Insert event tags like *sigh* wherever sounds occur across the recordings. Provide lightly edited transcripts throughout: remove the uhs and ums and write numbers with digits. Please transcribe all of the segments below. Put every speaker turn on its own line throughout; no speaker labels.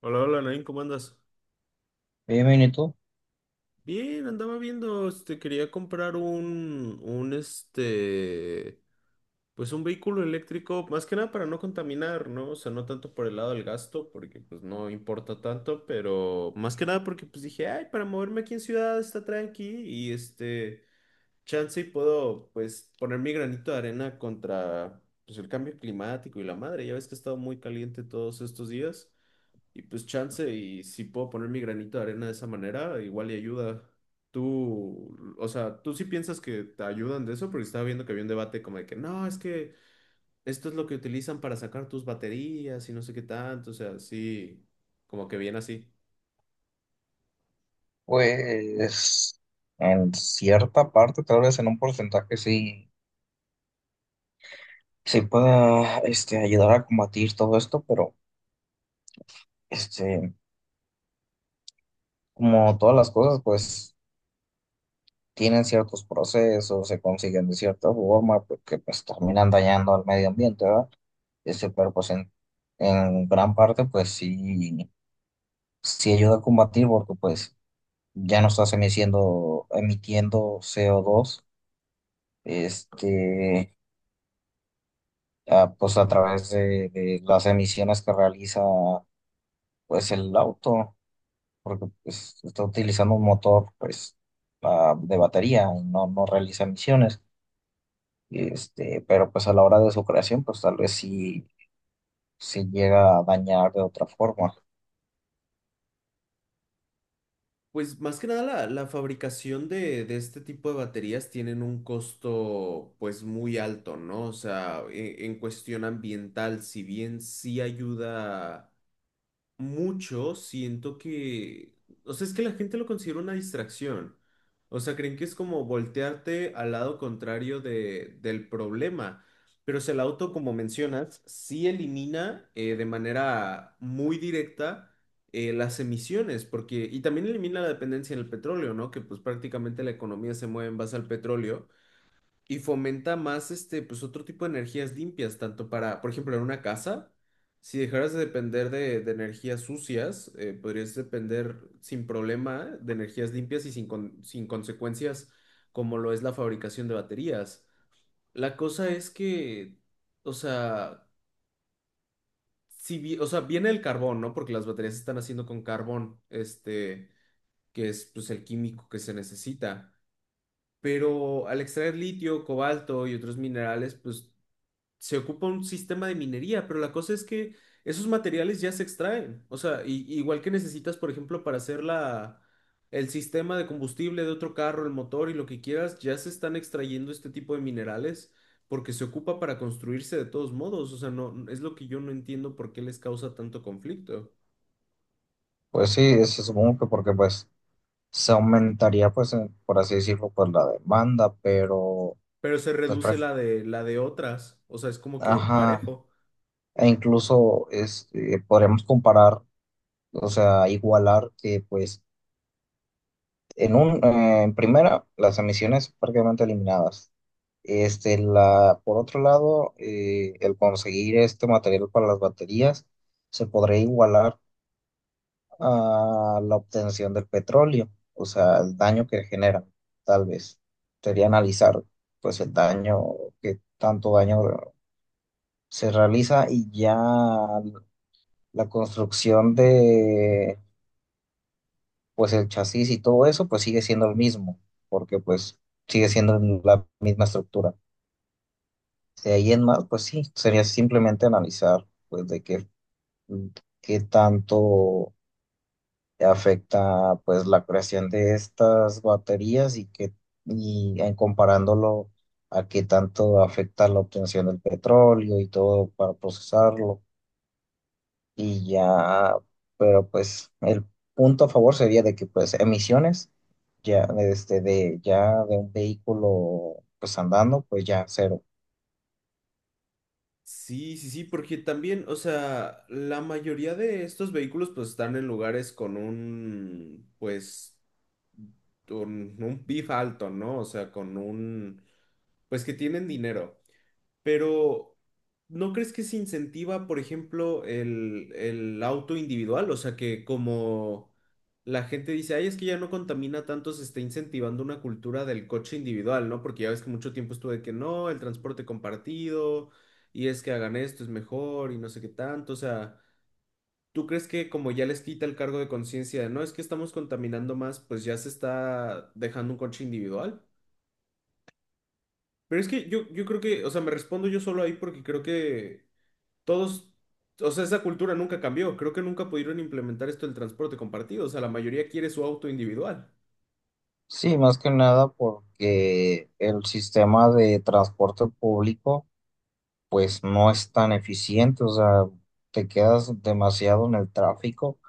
Hola, hola, Nain, ¿cómo andas?
Bien, bien, ¿y tú?
Bien, andaba viendo, quería comprar pues un vehículo eléctrico, más que nada para no contaminar, ¿no? O sea, no tanto por el lado del gasto, porque pues no importa tanto, pero más que nada porque pues dije, ay, para moverme aquí en ciudad está tranqui chance y puedo, pues, poner mi granito de arena contra, pues, el cambio climático y la madre, ya ves que ha estado muy caliente todos estos días. Y pues chance, y si puedo poner mi granito de arena de esa manera, igual y ayuda. Tú, o sea, tú sí piensas que te ayudan de eso, porque estaba viendo que había un debate como de que no, es que esto es lo que utilizan para sacar tus baterías y no sé qué tanto, o sea, sí, como que bien así.
Pues en cierta parte, tal vez en un porcentaje sí, sí pueda ayudar a combatir todo esto, pero este, como todas las cosas, pues tienen ciertos procesos, se consiguen de cierta forma, porque pues terminan dañando al medio ambiente, ¿verdad? Pero pues en gran parte, pues sí, sí ayuda a combatir, porque pues ya no estás emitiendo, emitiendo CO2. Este, pues a través de las emisiones que realiza pues el auto, porque pues, está utilizando un motor pues de batería y no, no realiza emisiones. Pero pues a la hora de su creación, pues tal vez sí se llega a dañar de otra forma.
Pues más que nada la fabricación de este tipo de baterías tienen un costo pues muy alto, ¿no? O sea, en cuestión ambiental, si bien sí ayuda mucho siento que, o sea, es que la gente lo considera una distracción. O sea, creen que es como voltearte al lado contrario del problema. Pero o sea, el auto, como mencionas, sí elimina de manera muy directa las emisiones, porque, y también elimina la dependencia en el petróleo, ¿no? Que pues prácticamente la economía se mueve en base al petróleo y fomenta más pues otro tipo de energías limpias, tanto para, por ejemplo, en una casa, si dejaras de depender de energías sucias, podrías depender sin problema de energías limpias y sin consecuencias como lo es la fabricación de baterías. La cosa es que, o sea, si, vi- o sea, viene el carbón, ¿no? Porque las baterías se están haciendo con carbón, que es pues el químico que se necesita. Pero al extraer litio, cobalto y otros minerales, pues se ocupa un sistema de minería, pero la cosa es que esos materiales ya se extraen. O sea, igual que necesitas, por ejemplo, para hacer el sistema de combustible de otro carro, el motor y lo que quieras, ya se están extrayendo este tipo de minerales porque se ocupa para construirse de todos modos. O sea, no, es lo que yo no entiendo por qué les causa tanto conflicto.
Pues sí, se supongo que porque pues se aumentaría pues por así decirlo pues la demanda, pero
Pero se
pues
reduce la de otras. O sea, es como que
ajá,
parejo.
e incluso podríamos comparar, o sea, igualar que pues. En primera, las emisiones prácticamente eliminadas. Por otro lado, el conseguir este material para las baterías se podría igualar a la obtención del petróleo, o sea, el daño que genera, tal vez. Sería analizar, pues, el daño, que tanto daño se realiza y ya la construcción de pues el chasis y todo eso, pues sigue siendo el mismo, porque pues sigue siendo la misma estructura. De ahí en más, pues sí, sería simplemente analizar, pues, qué tanto afecta, pues, la creación de estas baterías y en comparándolo a qué tanto afecta la obtención del petróleo y todo para procesarlo. Y ya, pero pues el punto a favor sería de que pues emisiones ya de ya de un vehículo pues andando pues ya cero.
Sí, sí, sí, porque también, o sea, la mayoría de estos vehículos pues están en lugares con un PIB alto, ¿no? O sea, con un, pues que tienen dinero. Pero, ¿no crees que se incentiva, por ejemplo, el auto individual? O sea, que como la gente dice, ay, es que ya no contamina tanto, se está incentivando una cultura del coche individual, ¿no? Porque ya ves que mucho tiempo estuvo de que no, el transporte compartido, y es que hagan esto, es mejor, y no sé qué tanto. O sea, ¿tú crees que como ya les quita el cargo de conciencia de no, es que estamos contaminando más, pues ya se está dejando un coche individual? Pero es que yo creo que, o sea, me respondo yo solo ahí porque creo que todos, o sea, esa cultura nunca cambió. Creo que nunca pudieron implementar esto del transporte compartido. O sea, la mayoría quiere su auto individual.
Sí, más que nada porque el sistema de transporte público pues no es tan eficiente, o sea, te quedas demasiado en el tráfico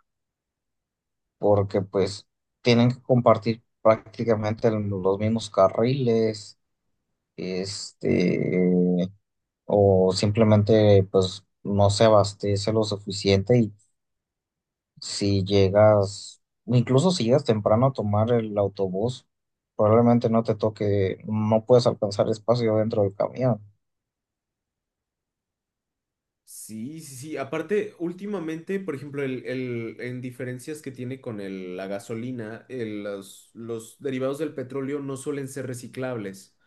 porque pues tienen que compartir prácticamente los mismos carriles, este o simplemente pues no se abastece lo suficiente y si llegas, incluso si llegas temprano a tomar el autobús, probablemente no te toque, no puedes alcanzar espacio dentro del camión.
Sí, sí, sí. Aparte, últimamente, por ejemplo, en diferencias que tiene con la gasolina, los derivados del petróleo no suelen ser reciclables.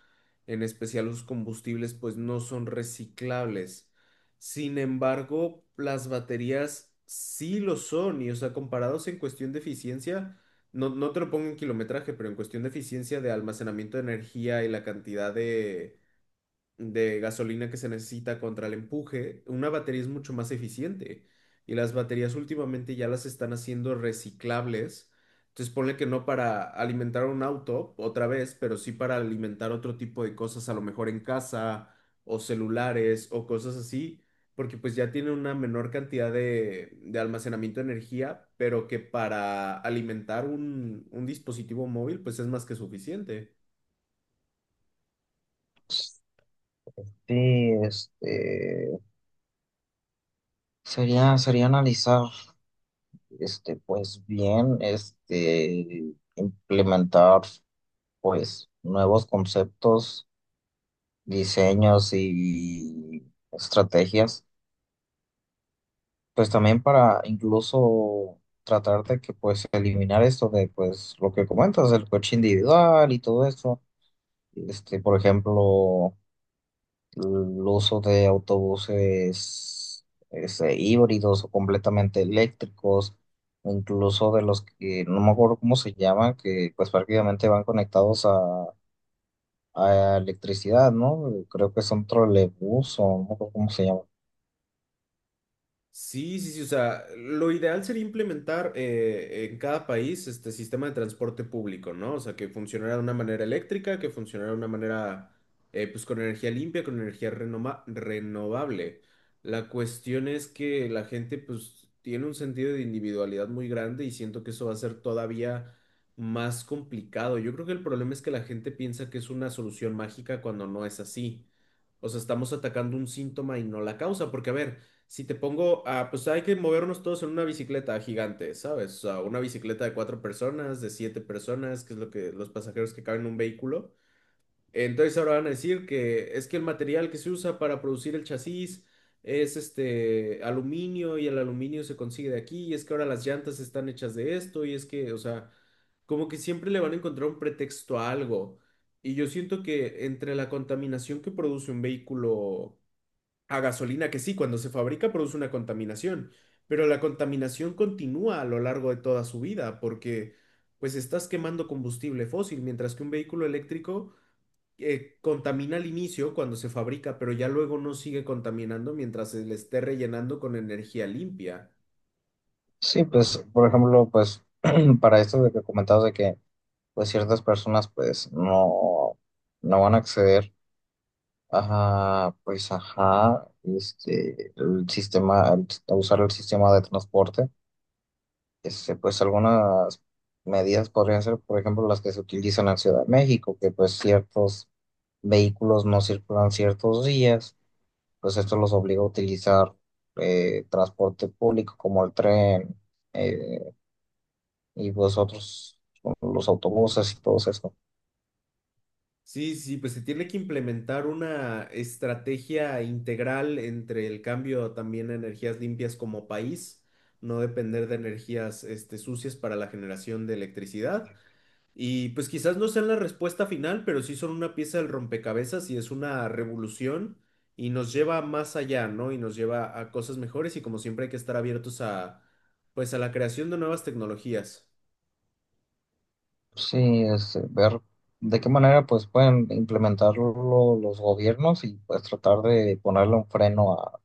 En especial los combustibles, pues no son reciclables. Sin embargo, las baterías sí lo son, y o sea, comparados en cuestión de eficiencia, no, no te lo pongo en kilometraje, pero en cuestión de eficiencia de almacenamiento de energía y la cantidad de gasolina que se necesita contra el empuje, una batería es mucho más eficiente. Y las baterías últimamente ya las están haciendo reciclables. Entonces ponle que no para alimentar un auto otra vez, pero sí para alimentar otro tipo de cosas, a lo mejor en casa o celulares o cosas así, porque pues ya tiene una menor cantidad de almacenamiento de energía, pero que para alimentar un dispositivo móvil pues es más que suficiente.
Sí, sería analizar, pues bien, implementar, pues, nuevos conceptos, diseños y estrategias pues también para incluso tratar de que pues eliminar esto de pues lo que comentas, el coche individual y todo esto, por ejemplo, el uso de autobuses híbridos o completamente eléctricos, o incluso de los que no me acuerdo cómo se llaman, que pues prácticamente van conectados a electricidad, ¿no? Creo que son trolebús o no me acuerdo cómo se llaman.
Sí, sí, sí, o sea, lo ideal sería implementar en cada país este sistema de transporte público, ¿no? O sea, que funcionara de una manera eléctrica, que funcionara de una manera, pues con energía limpia, con energía renovable. La cuestión es que la gente, pues, tiene un sentido de individualidad muy grande y siento que eso va a ser todavía más complicado. Yo creo que el problema es que la gente piensa que es una solución mágica cuando no es así. O sea, estamos atacando un síntoma y no la causa, porque, a ver, si te pongo, ah, pues hay que movernos todos en una bicicleta gigante, ¿sabes? O sea, una bicicleta de cuatro personas, de siete personas, que es lo que los pasajeros que caben en un vehículo. Entonces ahora van a decir que es que el material que se usa para producir el chasis es este aluminio y el aluminio se consigue de aquí y es que ahora las llantas están hechas de esto y es que, o sea, como que siempre le van a encontrar un pretexto a algo. Y yo siento que entre la contaminación que produce un vehículo a gasolina que sí, cuando se fabrica produce una contaminación, pero la contaminación continúa a lo largo de toda su vida porque pues estás quemando combustible fósil, mientras que un vehículo eléctrico contamina al inicio cuando se fabrica, pero ya luego no sigue contaminando mientras se le esté rellenando con energía limpia.
Sí, pues, por ejemplo, pues *clears throat* para esto de que comentabas de que pues ciertas personas pues no, no van a acceder a, pues ajá, el sistema, a usar el sistema de transporte. Pues algunas medidas podrían ser, por ejemplo, las que se utilizan en Ciudad de México, que pues ciertos vehículos no circulan ciertos días, pues esto los obliga a utilizar transporte público como el tren eh, y pues otros, los autobuses y todo eso.
Sí, sí, pues se tiene que implementar una estrategia integral entre el cambio también a energías limpias como país, no depender de energías sucias para la generación de electricidad. Y pues quizás no sean la respuesta final, pero sí son una pieza del rompecabezas y es una revolución y nos lleva más allá, ¿no? Y nos lleva a cosas mejores y como siempre hay que estar abiertos a, pues a la creación de nuevas tecnologías.
Sí, ver de qué manera pues pueden implementarlo los gobiernos y pues tratar de ponerle un freno a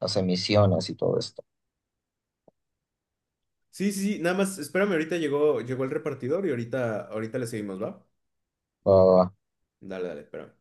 las emisiones y todo esto.
Sí, sí, sí, nada más, espérame, ahorita llegó el repartidor y ahorita le seguimos, ¿va?
Ah,
Dale, dale, espera.